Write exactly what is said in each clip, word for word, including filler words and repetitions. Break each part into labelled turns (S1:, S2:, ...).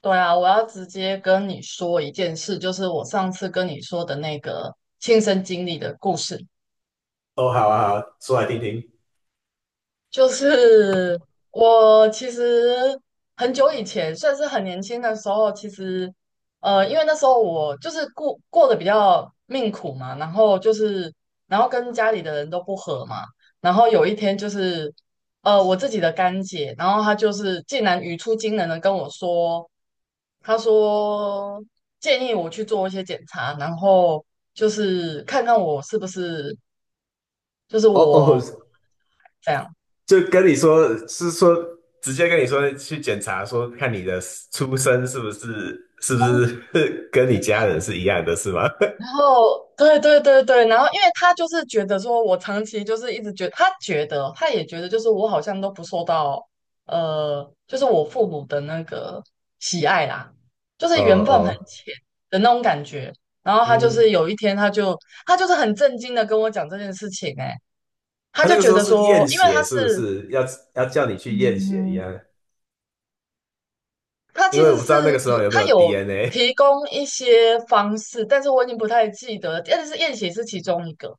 S1: 对啊，我要直接跟你说一件事，就是我上次跟你说的那个亲身经历的故事。
S2: 哦，好啊，好啊，说来听听。
S1: 就是我其实很久以前，算是很年轻的时候，其实呃，因为那时候我就是过过得比较命苦嘛，然后就是然后跟家里的人都不和嘛，然后有一天就是呃，我自己的干姐，然后她就是竟然语出惊人的跟我说。他说建议我去做一些检查，然后就是看看我是不是就是
S2: 哦哦，
S1: 我这样。
S2: 就跟你说，是说直接跟你说去检查，说看你的出生是不是是不
S1: 嗯，
S2: 是 跟你家人是一样的，是吗？
S1: 然后对对对对，然后因为他就是觉得说我长期就是一直觉他觉得他也觉得就是我好像都不受到呃，就是我父母的那个喜爱啦，就 是
S2: 哦
S1: 缘
S2: 哦，
S1: 分很浅的那种感觉。然后他就是
S2: 嗯，
S1: 有一天，他就他就是很震惊的跟我讲这件事情、欸，他
S2: 他那
S1: 就
S2: 个时
S1: 觉
S2: 候
S1: 得
S2: 是
S1: 说，
S2: 验
S1: 因为
S2: 血，
S1: 他
S2: 是不
S1: 是
S2: 是要要叫你去验血一
S1: 嗯，
S2: 样？
S1: 他
S2: 因
S1: 其
S2: 为我
S1: 实
S2: 不知道那
S1: 是
S2: 个时候有没
S1: 他
S2: 有
S1: 有
S2: D N A。
S1: 提供一些方式，但是我已经不太记得了。但是验血是其中一个，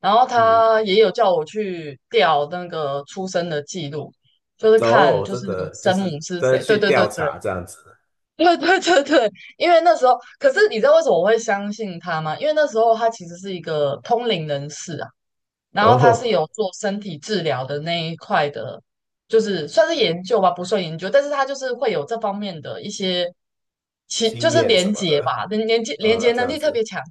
S1: 然后
S2: 嗯，
S1: 他也有叫我去调那个出生的记录，就是看
S2: 哦，
S1: 就
S2: 真
S1: 是
S2: 的就
S1: 生母
S2: 是
S1: 是
S2: 真的
S1: 谁。
S2: 去
S1: 对对对
S2: 调
S1: 对
S2: 查这样子，
S1: 对对对对，因为那时候，可是你知道为什么我会相信他吗？因为那时候他其实是一个通灵人士啊。然后他是
S2: 哦，
S1: 有做身体治疗的那一块的，就是算是研究吧，不算研究，但是他就是会有这方面的一些，其就
S2: 经
S1: 是
S2: 验什
S1: 连
S2: 么
S1: 接
S2: 的，
S1: 吧，连连接连接
S2: 呃，这
S1: 能
S2: 样
S1: 力特别
S2: 子。
S1: 强。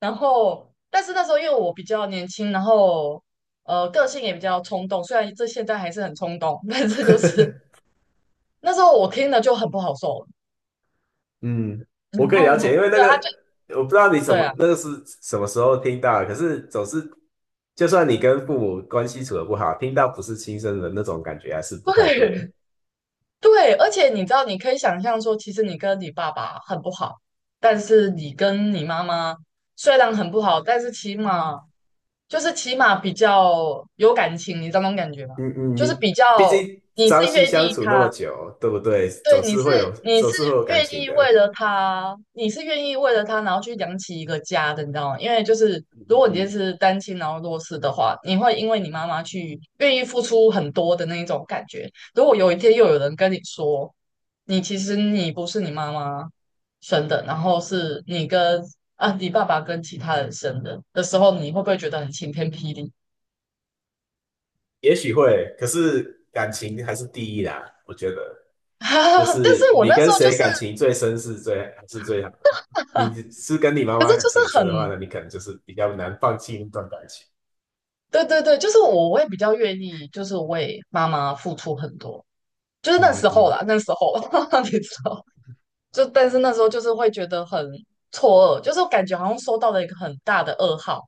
S1: 然后，但是那时候因为我比较年轻，然后呃个性也比较冲动，虽然这现在还是很冲动，但是就是 那时候我听了就很不好受了。
S2: 嗯，我
S1: 然
S2: 可以
S1: 后，
S2: 了解，因为那
S1: 对啊，他
S2: 个
S1: 就
S2: 我不知道你什
S1: 对
S2: 么
S1: 啊，
S2: 那个是什么时候听到的，可是总是就算你跟父母关系处的不好，听到不是亲生的那种感觉还是不太
S1: 对。
S2: 对。
S1: 对，而且你知道，你可以想象说，其实你跟你爸爸很不好，但是你跟你妈妈虽然很不好，但是起码就是起码比较有感情，你知道那种感觉吗？
S2: 嗯嗯，
S1: 就是
S2: 你
S1: 比
S2: 毕
S1: 较
S2: 竟
S1: 你
S2: 朝
S1: 是
S2: 夕
S1: 越
S2: 相
S1: 意
S2: 处那么
S1: 他，
S2: 久，对不对？
S1: 对，
S2: 总
S1: 你
S2: 是
S1: 是
S2: 会有
S1: 你
S2: 总
S1: 是
S2: 是会有感
S1: 愿
S2: 情
S1: 意为
S2: 的。
S1: 了他，你是愿意为了他，然后去养起一个家的，你知道吗？因为就是
S2: 嗯
S1: 如
S2: 嗯
S1: 果你就
S2: 嗯，
S1: 是单亲然后弱势的话，你会因为你妈妈去愿意付出很多的那一种感觉。如果有一天又有人跟你说，你其实你不是你妈妈生的，然后是你跟啊你爸爸跟其他人生的的时候，你会不会觉得很晴天霹雳？
S2: 也许会，可是感情还是第一啦，我觉得。就
S1: 但
S2: 是
S1: 是我
S2: 你
S1: 那
S2: 跟
S1: 时候就
S2: 谁
S1: 是。
S2: 感情最深是最还是最好的？你是跟你 妈
S1: 可是
S2: 妈感
S1: 就
S2: 情很
S1: 是
S2: 深
S1: 很，
S2: 的话呢，你可能就是比较难放弃那段感情。
S1: 对对对，就是我会比较愿意，就是为妈妈付出很多，就是那
S2: 嗯
S1: 时
S2: 嗯
S1: 候
S2: 嗯，
S1: 啦，那时候 你知道 就但是那时候就是会觉得很错愕，就是感觉好像收到了一个很大的噩耗，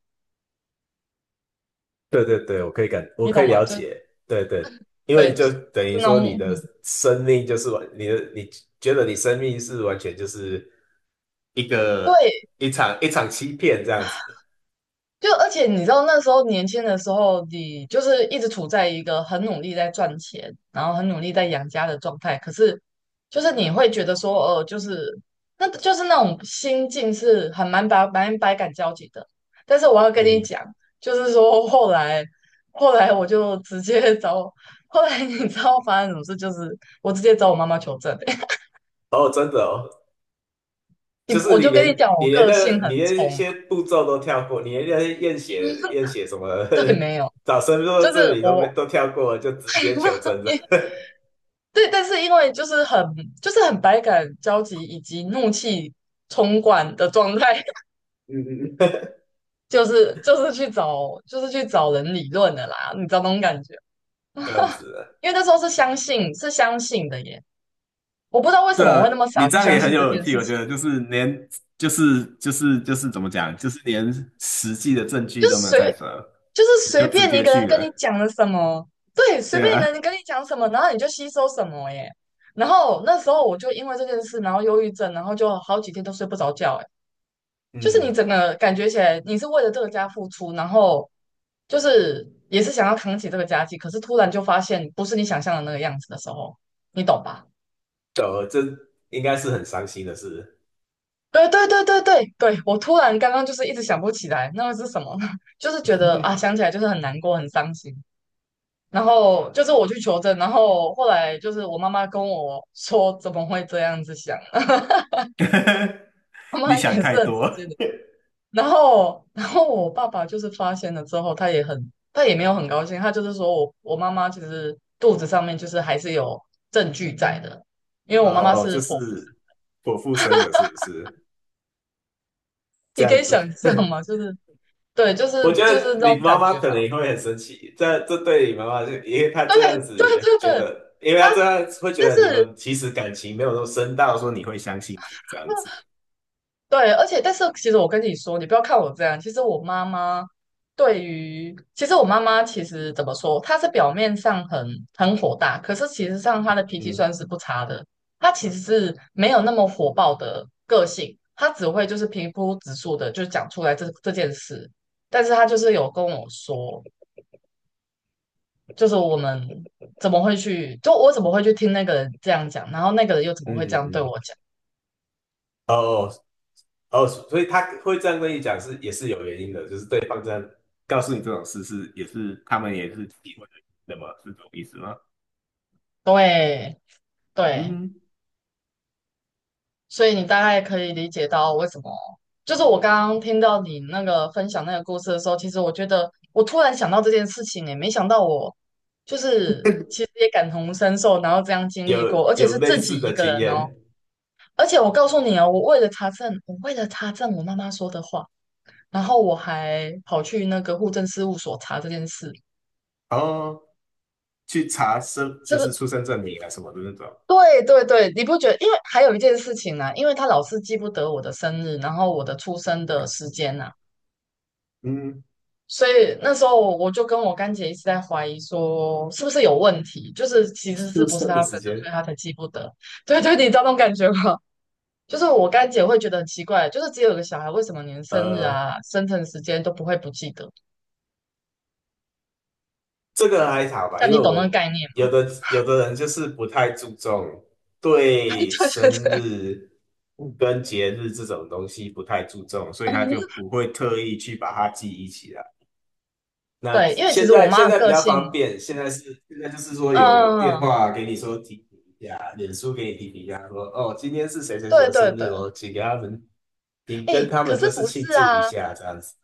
S2: 对对对，我可以感，我
S1: 你
S2: 可以
S1: 懂吗？
S2: 了
S1: 就
S2: 解。对对，因为
S1: 对，就就
S2: 就
S1: 是
S2: 等于
S1: 那
S2: 说你
S1: 种，
S2: 的
S1: 嗯，
S2: 生命就是完，你的你觉得你生命是完全就是一个
S1: 对，
S2: 一场一场欺骗这样子。
S1: 就而且你知道那时候年轻的时候，你就是一直处在一个很努力在赚钱，然后很努力在养家的状态。可是，就是你会觉得说，呃，就是那就是那种心境是很蛮百蛮百感交集的。但是我要跟你
S2: 嗯，
S1: 讲，就是说后来后来我就直接找，后来你知道发生什么事？就是我直接找我妈妈求证、
S2: 哦，真的哦，就
S1: 你
S2: 是
S1: 我
S2: 你
S1: 就跟你
S2: 连
S1: 讲，我
S2: 你连
S1: 个
S2: 那个
S1: 性很
S2: 你连一
S1: 冲嘛。
S2: 些步骤都跳过，你连那些验 血验血什么
S1: 对，没有，
S2: 找身份
S1: 就
S2: 证
S1: 是
S2: 这里都没
S1: 我。
S2: 都跳过了，就直接求证了，
S1: 对，但是因为就是很就是很百感交集以及怒气冲冠的状态，
S2: 嗯嗯嗯，
S1: 就是就是去找就是去找人理论的啦，你知道那种感觉？
S2: 这样子了。
S1: 因为那时候是相信是相信的耶，我不知道为
S2: 对
S1: 什么我
S2: 啊，
S1: 会那么
S2: 你
S1: 傻
S2: 这
S1: 去
S2: 样
S1: 相
S2: 也很
S1: 信这
S2: 有勇
S1: 件
S2: 气，
S1: 事
S2: 我觉
S1: 情，
S2: 得就是连就是就是就是怎么讲，就是连实际的证据
S1: 就是
S2: 都没有在
S1: 随
S2: 手，
S1: 就是
S2: 你就
S1: 随
S2: 直
S1: 便一
S2: 接
S1: 个人
S2: 去
S1: 跟
S2: 了，
S1: 你讲了什么，对，随
S2: 对
S1: 便一
S2: 啊，
S1: 个人跟你讲什么，然后你就吸收什么耶。然后那时候我就因为这件事，然后忧郁症，然后就好几天都睡不着觉。就是
S2: 嗯，
S1: 你整个感觉起来你是为了这个家付出，然后就是也是想要扛起这个家计，可是突然就发现不是你想象的那个样子的时候，你懂吧？
S2: 懂了，这应该是很伤心的事。
S1: 对对对对对对，我突然刚刚就是一直想不起来那个是什么呢，就是觉得啊想起来就是很难过很伤心，然后就是我去求证，然后后来就是我妈妈跟我说怎么会这样子想，妈
S2: 你
S1: 妈也
S2: 想
S1: 是
S2: 太
S1: 很直
S2: 多。
S1: 接的。然后，然后我爸爸就是发现了之后，他也很，他也没有很高兴，他就是说我我妈妈其实肚子上面就是还是有证据在的，因为我妈妈
S2: 哦，就
S1: 是剖腹
S2: 是
S1: 产，
S2: 我父生的，是不是这
S1: 你可
S2: 样
S1: 以
S2: 子？
S1: 想象嘛，就是对，就
S2: 我
S1: 是
S2: 觉
S1: 就
S2: 得
S1: 是那
S2: 你
S1: 种
S2: 妈
S1: 感
S2: 妈
S1: 觉
S2: 可
S1: 吧。
S2: 能也会很生气，这这对你妈妈就，因为她
S1: 对
S2: 这样
S1: 对
S2: 子
S1: 对
S2: 觉
S1: 对，
S2: 得，因为
S1: 他，
S2: 她这样会觉
S1: 但
S2: 得你们
S1: 是
S2: 其实感情没有那么深到说你会相信这样子。
S1: 对，而且但是其实我跟你说，你不要看我这样，其实我妈妈对于，其实我妈妈其实怎么说，她是表面上很很火大，可是其实上她的脾气
S2: 嗯
S1: 算是不差的，她其实是没有那么火爆的个性，她只会就是平铺直述的就讲出来这这件事，但是她就是有跟我说，就是我们怎么会去，就我怎么会去听那个人这样讲，然后那个人又怎么
S2: 嗯
S1: 会这样
S2: 嗯
S1: 对
S2: 嗯
S1: 我讲？
S2: 哦哦，所以她会这样跟你讲是也是有原因的，就是对方这样告诉你这种事是也是他们也是体会的么是这种意思吗？
S1: 对对，
S2: 嗯，
S1: 所以你大概可以理解到为什么，就是我刚刚听到你那个分享那个故事的时候，其实我觉得我突然想到这件事情也没想到我就是其实也感同身受，然后这样经
S2: 有
S1: 历过，而且
S2: 有
S1: 是
S2: 类
S1: 自
S2: 似
S1: 己
S2: 的
S1: 一个
S2: 经
S1: 人哦。
S2: 验
S1: 而且我告诉你哦，我为了查证，我为了查证我妈妈说的话，然后我还跑去那个户政事务所查这件事，
S2: 哦。去查生就
S1: 是不
S2: 是
S1: 是？
S2: 出生证明啊什么的那种。
S1: 对对对，你不觉得？因为还有一件事情呢、因为他老是记不得我的生日，然后我的出生的时间呐、
S2: 嗯，
S1: 所以那时候我我就跟我干姐一直在怀疑说，是不是有问题？就是其实
S2: 出
S1: 是不是
S2: 生的
S1: 她生
S2: 时
S1: 的，所
S2: 间，
S1: 以她才记不得。对对，你知道那种感觉吗？就是我干姐会觉得很奇怪，就是只有一个小孩，为什么连生日
S2: 呃，
S1: 啊、生辰时间都不会不记得？
S2: 这个还好吧，
S1: 但
S2: 因为
S1: 你懂那个
S2: 我
S1: 概念
S2: 有
S1: 吗？
S2: 的有的人就是不太注重
S1: 对
S2: 对
S1: 对
S2: 生
S1: 对，
S2: 日
S1: 嗯，
S2: 跟节日这种东西不太注重，所以他就不 会特意去把它记忆起来。那
S1: 对，因为其
S2: 现
S1: 实我
S2: 在
S1: 妈
S2: 现
S1: 的
S2: 在比
S1: 个
S2: 较
S1: 性，
S2: 方便，现在是现在就是说有电
S1: 嗯，
S2: 话给你说提醒一下，脸书给你提醒一下，说哦今天是谁谁谁
S1: 对
S2: 的
S1: 对
S2: 生日
S1: 对，
S2: 哦，请给他们，请跟
S1: 哎，
S2: 他
S1: 可
S2: 们就
S1: 是
S2: 是
S1: 不
S2: 庆
S1: 是
S2: 祝一
S1: 啊？
S2: 下这样子。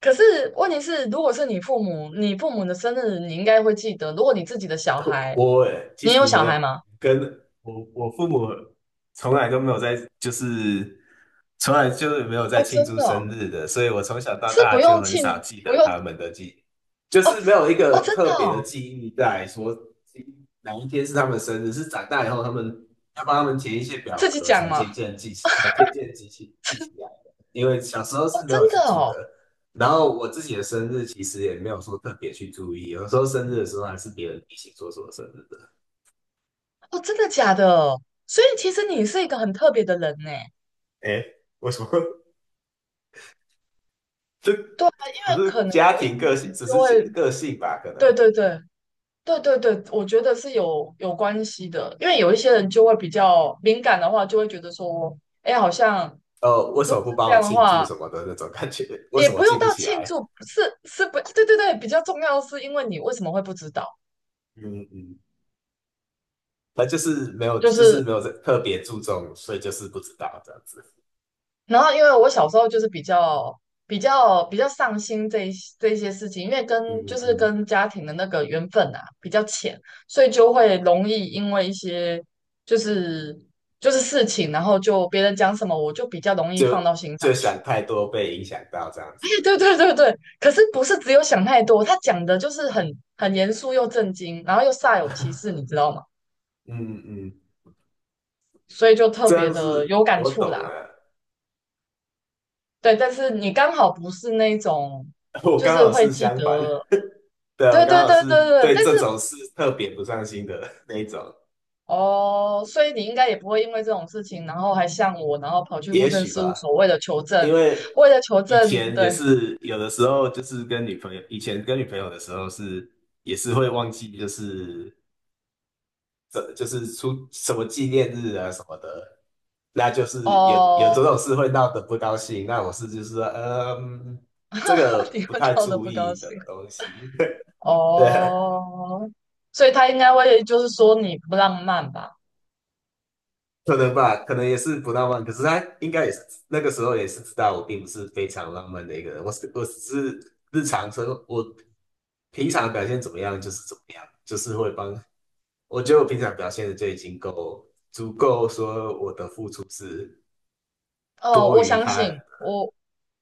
S1: 可是问题是，如果是你父母，你父母的生日你应该会记得，如果你自己的小 孩。
S2: 我其
S1: 你有
S2: 实
S1: 小
S2: 没有
S1: 孩吗？
S2: 跟我我父母从来都没有在，就是从来就是没有在
S1: 哦，
S2: 庆
S1: 真
S2: 祝
S1: 的哦，
S2: 生日的，所以我从小到
S1: 是
S2: 大
S1: 不
S2: 就
S1: 用
S2: 很少
S1: 庆，
S2: 记
S1: 不
S2: 得
S1: 用。
S2: 他们的记，就
S1: 哦
S2: 是没有一
S1: 哦，
S2: 个
S1: 真的
S2: 特别的
S1: 哦，
S2: 记忆在说哪一天是他们的生日，是长大以后他们要帮他们填一些表
S1: 自己
S2: 格
S1: 讲
S2: 才
S1: 吗？
S2: 渐渐记起，才渐渐记起记起来的，因为小时候是
S1: 哦，
S2: 没有
S1: 真
S2: 记
S1: 的
S2: 住的。
S1: 哦。
S2: 然后我自己的生日其实也没有说特别去注意，有时候生日的时候还是别人提醒说什我生日的。
S1: 哦，真的假的？所以其实你是一个很特别的人呢。
S2: 哎，为什么？这只
S1: 对啊，因为可
S2: 是
S1: 能
S2: 家
S1: 有一些
S2: 庭个性，
S1: 人
S2: 只
S1: 就会，
S2: 是个性吧，可能。
S1: 对对对对对对，我觉得是有有关系的，因为有一些人就会比较敏感的话，就会觉得说，哎，好像
S2: 哦，为什
S1: 如
S2: 么
S1: 果
S2: 不
S1: 是
S2: 帮
S1: 这
S2: 我
S1: 样的
S2: 庆祝
S1: 话，
S2: 什么的那种感觉？为
S1: 也
S2: 什么
S1: 不
S2: 记
S1: 用
S2: 不
S1: 到
S2: 起
S1: 庆
S2: 来？
S1: 祝，是是不，对对对，比较重要的是因为你为什么会不知道，
S2: 嗯嗯他就是没有，
S1: 就
S2: 就是
S1: 是
S2: 没有特别注重，所以就是不知道这样子，
S1: 然后因为我小时候就是比较比较比较上心这一这一些事情，因为
S2: 嗯
S1: 跟就
S2: 嗯
S1: 是
S2: 嗯，
S1: 跟家庭的那个缘分啊比较浅，所以就会容易因为一些就是就是事情，然后就别人讲什么，我就比较容易
S2: 就
S1: 放到心上
S2: 就想
S1: 去。
S2: 太多被影响到这样子。
S1: 对对对对，可是不是只有想太多，他讲的就是很很严肃又震惊，然后又煞有其事，你知道吗？
S2: 嗯嗯，
S1: 所以就特
S2: 这
S1: 别
S2: 样
S1: 的
S2: 是
S1: 有感
S2: 我
S1: 触
S2: 懂
S1: 啦。
S2: 了，
S1: 对，但是你刚好不是那种，
S2: 我
S1: 就
S2: 刚
S1: 是
S2: 好
S1: 会
S2: 是
S1: 记
S2: 相反。
S1: 得
S2: 对啊，我
S1: 对
S2: 刚
S1: 对
S2: 好
S1: 对
S2: 是
S1: 对对，
S2: 对
S1: 但
S2: 这
S1: 是
S2: 种事特别不上心的那一种，
S1: 哦，所以你应该也不会因为这种事情，然后还向我，然后跑去户
S2: 也
S1: 政
S2: 许
S1: 事务
S2: 吧，
S1: 所为了求
S2: 因
S1: 证，
S2: 为
S1: 为了求
S2: 以
S1: 证，
S2: 前也
S1: 对
S2: 是有的时候就是跟女朋友，以前跟女朋友的时候是也是会忘记，就是这就是出什么纪念日啊什么的，那就是有有这
S1: 哦，
S2: 种事会闹得不高兴，那我是就是说，呃嗯，这 个
S1: 你
S2: 不
S1: 会
S2: 太
S1: 闹得
S2: 注
S1: 不高
S2: 意的
S1: 兴
S2: 东西，对，
S1: 哦，所以他应该会就是说你不浪漫吧？
S2: 可能吧，可能也是不浪漫，可是他应该也是那个时候也是知道我并不是非常浪漫的一个人，我是我只是日常生活，我平常表现怎么样就是怎么样，就是会帮，我觉得我平常表现的就已经够足够，说我的付出是
S1: 哦，
S2: 多
S1: 我
S2: 于
S1: 相
S2: 他人
S1: 信，我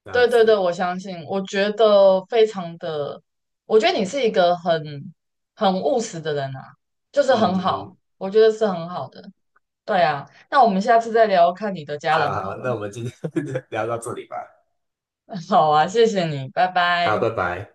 S2: 这样
S1: 对对对，
S2: 子。
S1: 我相信，我觉得非常的，我觉得你是一个很很务实的人啊，就是很
S2: 嗯，
S1: 好，我觉得是很好的。对啊，那我们下次再聊看你的家
S2: 好
S1: 人
S2: 好，
S1: 好了。
S2: 那我们今天 聊到这里吧，
S1: 好啊，谢谢你，拜
S2: 好，
S1: 拜。
S2: 拜拜。